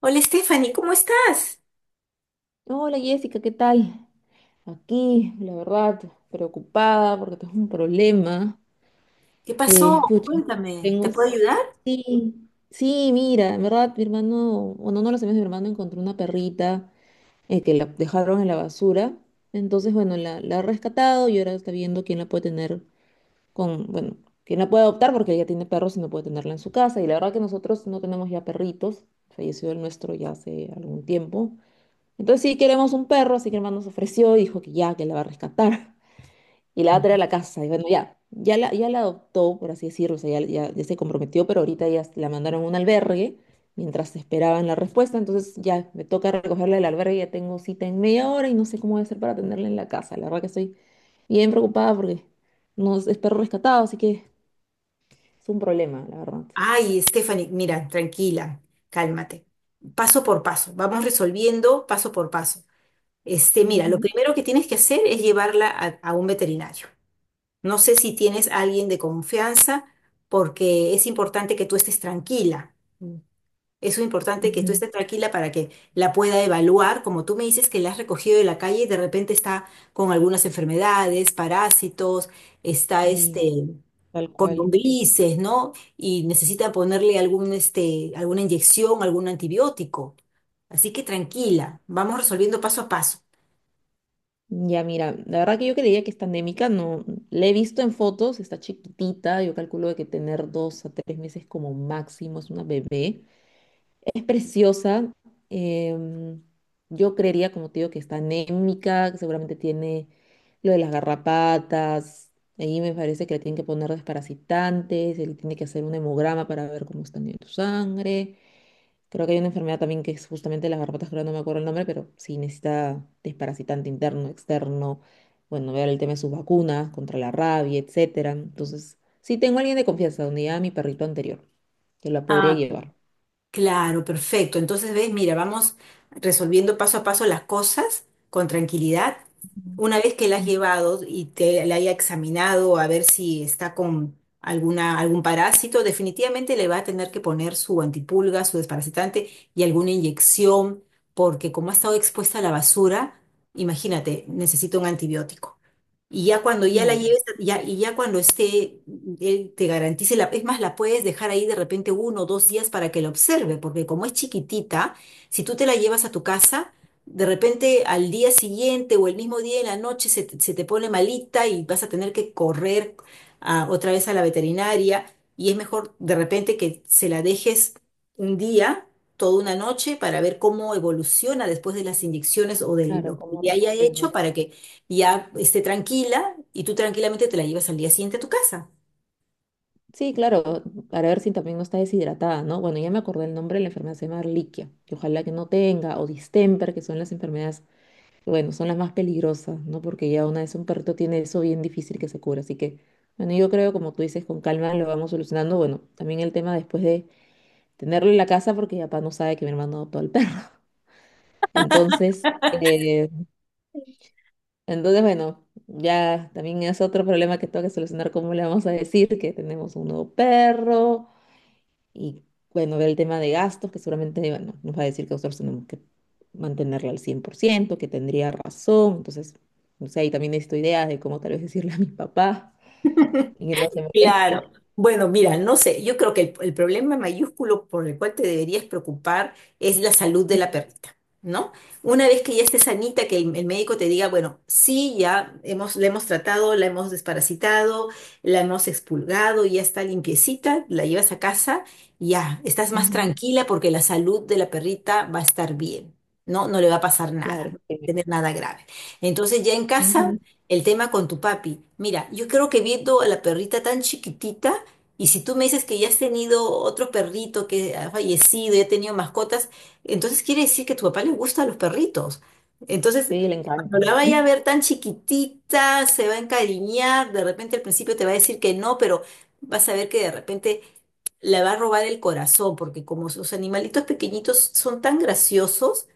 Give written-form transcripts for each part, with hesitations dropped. Hola Stephanie, ¿cómo estás? Hola Jessica, ¿qué tal? Aquí, la verdad, preocupada porque tengo un problema. ¿Qué pasó? Pucha, Cuéntame, ¿te tengo... puedo ayudar? Sí, sí, mira, en verdad, mi hermano, bueno, no lo sabía, mi hermano encontró una perrita que la dejaron en la basura. Entonces, bueno, la ha rescatado y ahora está viendo quién la puede tener bueno, quién la puede adoptar porque ella tiene perros y no puede tenerla en su casa. Y la verdad que nosotros no tenemos ya perritos, falleció el nuestro ya hace algún tiempo. Entonces sí queremos un perro, así que el hermano se ofreció y dijo que ya, que la va a rescatar y la va a traer a la casa. Y bueno, ya la adoptó, por así decirlo, o sea, ya se comprometió, pero ahorita ya la mandaron a un albergue mientras esperaban la respuesta. Entonces ya me toca recogerla del albergue, ya tengo cita en media hora y no sé cómo voy a hacer para tenerla en la casa. La verdad que estoy bien preocupada porque no es perro rescatado, así que es un problema, la verdad. Ay, Stephanie, mira, tranquila, cálmate. Paso por paso, vamos resolviendo paso por paso. Este, mira, lo Ujú, primero que tienes que hacer es llevarla a un veterinario. No sé si tienes a alguien de confianza, porque es importante que tú estés tranquila. Eso es importante que tú ujú. estés tranquila para que la pueda evaluar. Como tú me dices que la has recogido de la calle y de repente está con algunas enfermedades, parásitos, está Y este, tal con cual. lombrices, ¿no? Y necesita ponerle algún, este, alguna inyección, algún antibiótico. Así que tranquila, vamos resolviendo paso a paso. Ya, mira, la verdad que yo creía que esta anémica no, la he visto en fotos, está chiquitita, yo calculo de que tener 2 a 3 meses como máximo es una bebé. Es preciosa, em, yo creería, como te digo, que está anémica, que seguramente tiene lo de las garrapatas, ahí me parece que le tienen que poner desparasitantes, él tiene que hacer un hemograma para ver cómo está en tu sangre. Creo que hay una enfermedad también que es justamente las garrapatas, creo, no me acuerdo el nombre, pero sí necesita desparasitante interno, externo, bueno, ver el tema de sus vacunas contra la rabia, etcétera. Entonces, sí tengo a alguien de confianza, donde ya mi perrito anterior, que la podría Ah, llevar. claro, perfecto. Entonces, ves, mira, vamos resolviendo paso a paso las cosas con tranquilidad. Una vez que la has Mm. llevado y te la haya examinado a ver si está con alguna, algún parásito, definitivamente le va a tener que poner su antipulga, su desparasitante y alguna inyección, porque como ha estado expuesta a la basura, imagínate, necesita un antibiótico. Y ya cuando ya la Claro, lleves, ya, y ya cuando esté, él te garantice la, es más, la puedes dejar ahí de repente uno o dos días para que la observe, porque como es chiquitita, si tú te la llevas a tu casa, de repente al día siguiente o el mismo día en la noche se te pone malita y vas a tener que correr otra vez a la veterinaria y es mejor de repente que se la dejes un día, toda una noche, para ver cómo evoluciona después de las inyecciones o de claro, lo que ¿cómo le haya hecho, reacciona? para que ya esté tranquila y tú tranquilamente te la llevas al día siguiente a tu casa. Sí, claro, para ver si también no está deshidratada, ¿no? Bueno, ya me acordé el nombre la enfermedad, se llama Ehrlichia, que ojalá que no tenga, o distemper, que son las enfermedades bueno, son las más peligrosas, ¿no? Porque ya una vez un perrito tiene eso bien difícil que se cura. Así que, bueno, yo creo, como tú dices, con calma lo vamos solucionando. Bueno, también el tema después de tenerlo en la casa, porque ya papá no sabe que mi hermano adoptó al perro. Entonces, eh, entonces, bueno, ya también es otro problema que tengo que solucionar, cómo le vamos a decir que tenemos un nuevo perro, y bueno, ver el tema de gastos, que seguramente bueno, nos va a decir que nosotros tenemos que mantenerla al 100%, que tendría razón. Entonces, no sé, ahí también necesito ideas de cómo tal vez decirle a mi papá y que no se moleste. Claro. Bueno, mira, no sé, yo creo que el problema mayúsculo por el cual te deberías preocupar es la salud de la perrita, ¿no? Una vez que ya esté sanita, que el médico te diga, bueno, sí, ya hemos, la hemos tratado, la hemos desparasitado, la hemos expulgado, ya está limpiecita, la llevas a casa, ya, estás más Ujú. tranquila porque la salud de la perrita va a estar bien, ¿no? No le va a pasar nada, Claro. no va a Sí, tener nada grave. Entonces ya en casa ujú, el tema con tu papi. Mira, yo creo que viendo a la perrita tan chiquitita, y si tú me dices que ya has tenido otro perrito que ha fallecido y ha tenido mascotas, entonces quiere decir que a tu papá le gustan los perritos. Entonces, sí, le cuando encanta. la vaya a ver tan chiquitita, se va a encariñar, de repente al principio te va a decir que no, pero vas a ver que de repente le va a robar el corazón, porque como sus animalitos pequeñitos son tan graciosos,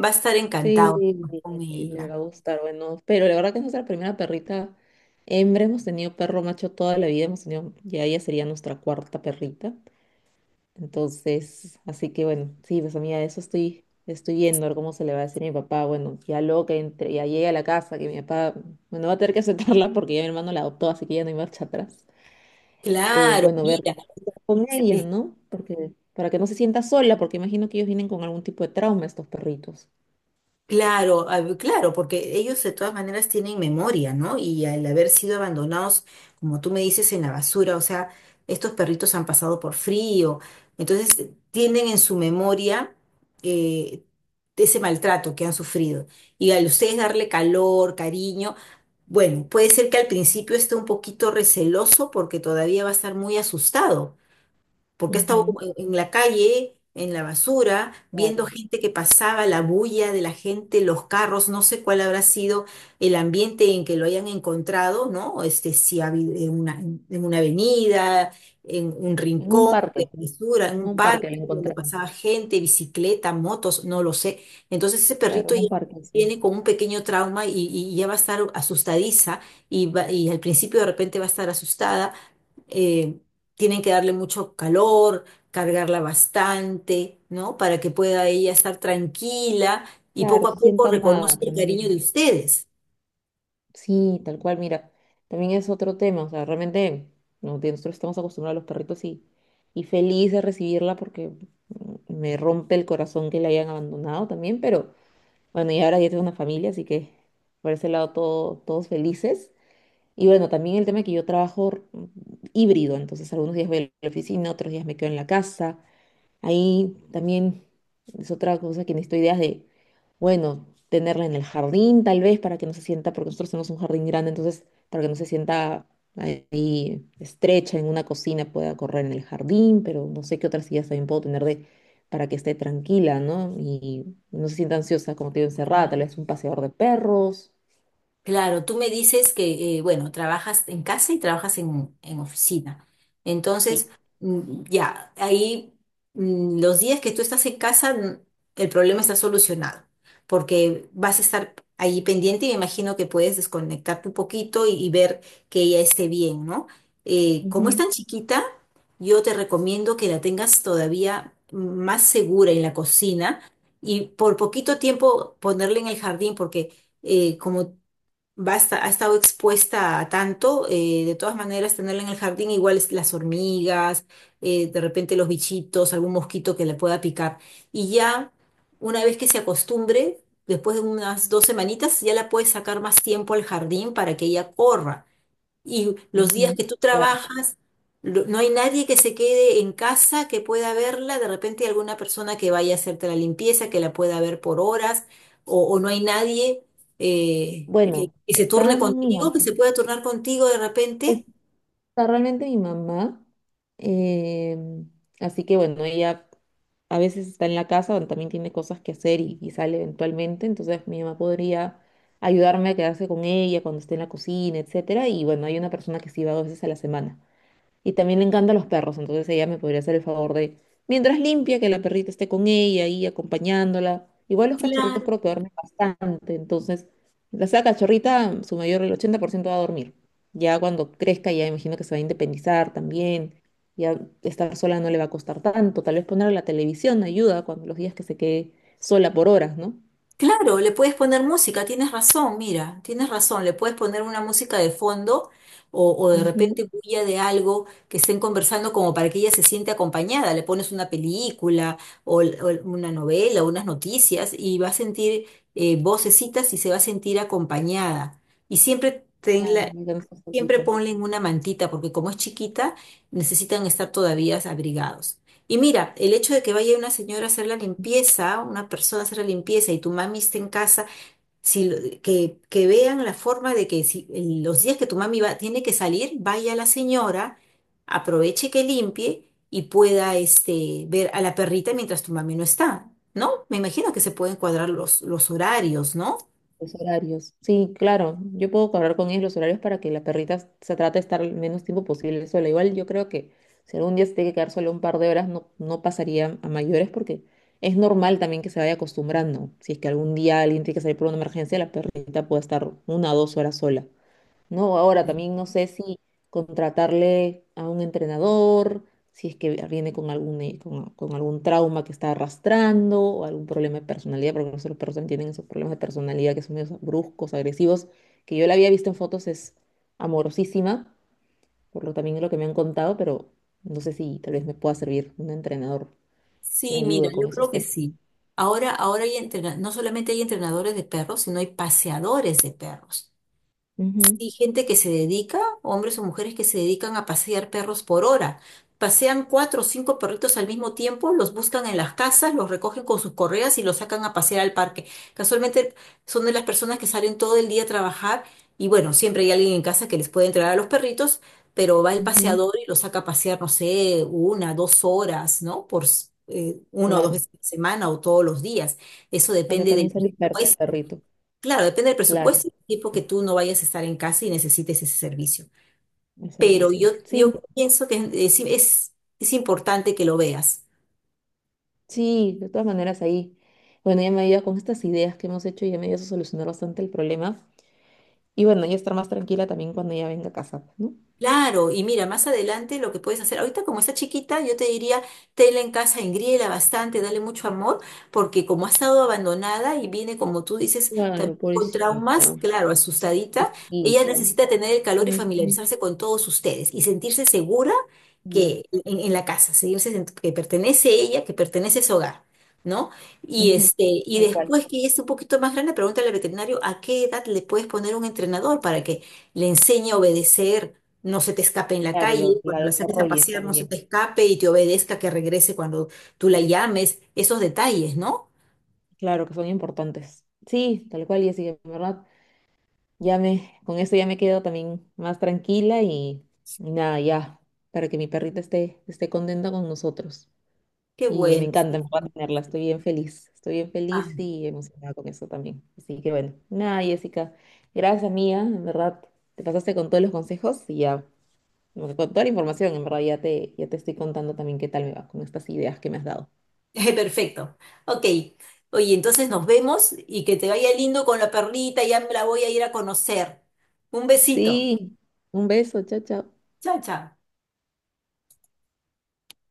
va a estar Sí, encantado con le ella. va a gustar. Bueno, pero la verdad que es nuestra primera perrita hembra. Hemos tenido perro macho toda la vida. Hemos tenido, ya ella sería nuestra cuarta perrita. Entonces, así que bueno, sí, pues amiga, eso estoy viendo, a ver cómo se le va a decir a mi papá. Bueno, ya luego que entre, ya llegue a la casa, que mi papá, bueno, va a tener que aceptarla porque ya mi hermano la adoptó, así que ya no hay marcha atrás. Claro, Bueno, ver mira. con ella, ¿no? Porque para que no se sienta sola, porque imagino que ellos vienen con algún tipo de trauma, estos perritos. Claro, a ver, claro, porque ellos de todas maneras tienen memoria, ¿no? Y al haber sido abandonados, como tú me dices, en la basura, o sea, estos perritos han pasado por frío, entonces tienen en su memoria eh, ese maltrato que han sufrido. Y al ustedes darle calor, cariño, bueno, puede ser que al principio esté un poquito receloso porque todavía va a estar muy asustado porque he estado Ujú, en la calle, en la basura, viendo claro. gente que pasaba, la bulla de la gente, los carros, no sé cuál habrá sido el ambiente en que lo hayan encontrado, ¿no? Este, si ha habido en una avenida, en un En un rincón parque, de basura, en en un un parque parque la donde encontramos. pasaba gente, bicicleta, motos, no lo sé. Entonces ese Claro, perrito en ya un parque, sí. viene con un pequeño trauma y ya va a estar asustadiza y al principio de repente va a estar asustada, eh, tienen que darle mucho calor, cargarla bastante, ¿no? Para que pueda ella estar tranquila y Claro, poco a se poco sienta reconozca amada el cariño de también. ustedes. Sí, tal cual, mira, también es otro tema, o sea, realmente no, de nosotros estamos acostumbrados a los perritos y feliz de recibirla porque me rompe el corazón que la hayan abandonado también, pero bueno, y ahora ya tengo una familia, así que por ese lado todos felices. Y bueno, también el tema que yo trabajo híbrido, entonces algunos días voy a la oficina, otros días me quedo en la casa. Ahí también es otra cosa que necesito ideas de, bueno, tenerla en el jardín tal vez para que no se sienta, porque nosotros tenemos un jardín grande, entonces para que no se sienta ahí estrecha en una cocina, pueda correr en el jardín, pero no sé qué otras ideas también puedo tener de, para que esté tranquila, ¿no? Y no se sienta ansiosa como te digo, encerrada, tal vez un paseador de perros. Claro, tú me dices que, bueno, trabajas en casa y trabajas en oficina. Entonces, Sí. Ya, ahí los días que tú estás en casa, el problema está solucionado, porque vas a estar ahí pendiente y me imagino que puedes desconectarte un poquito y ver que ella esté bien, ¿no? Como es Ujú, tan chiquita, yo te recomiendo que la tengas todavía más segura en la cocina y por poquito tiempo ponerla en el jardín, porque como ha estado expuesta a tanto, de todas maneras tenerla en el jardín, igual es las hormigas, de repente los bichitos, algún mosquito que le pueda picar. Y ya una vez que se acostumbre, después de unas dos semanitas, ya la puedes sacar más tiempo al jardín para que ella corra. Y los días ujú. que tú Claro. trabajas, no hay nadie que se quede en casa que pueda verla. De repente hay alguna persona que vaya a hacerte la limpieza, que la pueda ver por horas, o no hay nadie Bueno, que se está, turne mi mira, contigo, que se pueda turnar contigo de repente. sea, realmente mi mamá, eh, así que bueno, ella a veces está en la casa, donde también tiene cosas que hacer y sale eventualmente, entonces mi mamá podría ayudarme a quedarse con ella cuando esté en la cocina, etcétera, y bueno, hay una persona que sí va dos veces a la semana. Y también le encantan los perros, entonces ella me podría hacer el favor de, mientras limpia, que la perrita esté con ella y acompañándola. Igual los cachorritos Claro. creo que duermen bastante, entonces, la sea cachorrita, su mayor, el 80% va a dormir. Ya cuando crezca, ya imagino que se va a independizar también, ya estar sola no le va a costar tanto, tal vez ponerle la televisión ayuda cuando los días que se quede sola por horas, ¿no? Claro, le puedes poner música, tienes razón, mira, tienes razón, le puedes poner una música de fondo o de Ujú. repente bulla de algo que estén conversando como para que ella se siente acompañada, le pones una película o una novela, unas noticias y va a sentir vocecitas y se va a sentir acompañada. Y siempre Claro. tenla. Ya no Siempre solita. ponle en una mantita, porque como es chiquita, necesitan estar todavía abrigados. Y mira, el hecho de que vaya una señora a hacer la limpieza, una persona a hacer la limpieza y tu mami esté en casa, si, que vean la forma de que si los días que tu mami va, tiene que salir, vaya la señora, aproveche que limpie y pueda este, ver a la perrita mientras tu mami no está, ¿no? Me imagino que se pueden cuadrar los horarios, ¿no? Los horarios. Sí, claro. Yo puedo hablar con ellos los horarios para que la perrita se trate de estar el menos tiempo posible sola. Igual yo creo que si algún día se tiene que quedar solo un par de horas, no, no pasaría a mayores porque es normal también que se vaya acostumbrando. Si es que algún día alguien tiene que salir por una emergencia, la perrita puede estar 1 o 2 horas sola. No, ahora también no sé si contratarle a un entrenador, si es que viene con con algún trauma que está arrastrando o algún problema de personalidad, porque nosotros los perros también tienen esos problemas de personalidad que son medio bruscos, agresivos, que yo la había visto en fotos, es amorosísima, por lo también es lo que me han contado, pero no sé si tal vez me pueda servir un entrenador que me Sí, mira, ayude yo con creo esos que temas. sí. Ahora hay no solamente hay entrenadores de perros, sino hay paseadores de perros Ujú, y gente que se dedica, hombres o mujeres que se dedican a pasear perros por hora. Pasean cuatro o cinco perritos al mismo tiempo, los buscan en las casas, los recogen con sus correas y los sacan a pasear al parque. Casualmente son de las personas que salen todo el día a trabajar y bueno, siempre hay alguien en casa que les puede entregar a los perritos, pero va el ujú, paseador y los saca a pasear, no sé, una, dos horas, ¿no? Por una o dos claro, veces a la semana o todos los días. Eso porque depende también del se dispersa el puesto. perrito, Claro, depende del claro, presupuesto y del tiempo que tú no vayas a estar en casa y necesites ese servicio. el Pero servicio. Sí. yo pienso que es importante que lo veas. Sí, de todas maneras ahí. Bueno, ya me ayuda con estas ideas que hemos hecho y ya me ayuda a solucionar bastante el problema. Y bueno, ya estar más tranquila también cuando ella venga a casa, ¿no? Claro, y mira, más adelante lo que puedes hacer, ahorita como está chiquita, yo te diría, tenla en casa, engríela bastante, dale mucho amor, porque como ha estado abandonada y viene, como tú dices, también Claro, con traumas, pobrecita, claro, asustadita, ella chiquita. necesita tener el calor y Ujú. familiarizarse con todos ustedes y sentirse segura Y que en la casa, que pertenece ella, que pertenece a ese hogar. ¿No? Y ujú. este, y Tal cual. después que ella esté un poquito más grande, pregúntale al veterinario a qué edad le puedes poner un entrenador para que le enseñe a obedecer, no se te escape en la Claro, calle, la cuando la saques a desarrollen pasear no se también. te escape y te obedezca que regrese cuando tú la llames, esos detalles, ¿no? Claro que son importantes. Sí, tal cual, y así en verdad, ya me, con esto ya me quedo también más tranquila y nada, ya, para que mi perrita esté contenta con nosotros. Qué Y bueno. Sí. Me encanta tenerla, estoy bien Ah, feliz y emocionada con eso también. Así que bueno, nada, Jessica, gracias mía, en verdad, te pasaste con todos los consejos y ya, bueno, con toda la información, en verdad, ya te estoy contando también qué tal me va con estas ideas que me has dado. perfecto. Ok. Oye, entonces nos vemos y que te vaya lindo con la perlita, ya me la voy a ir a conocer. Un besito. Sí, un beso, chao, chao. Chao, chao.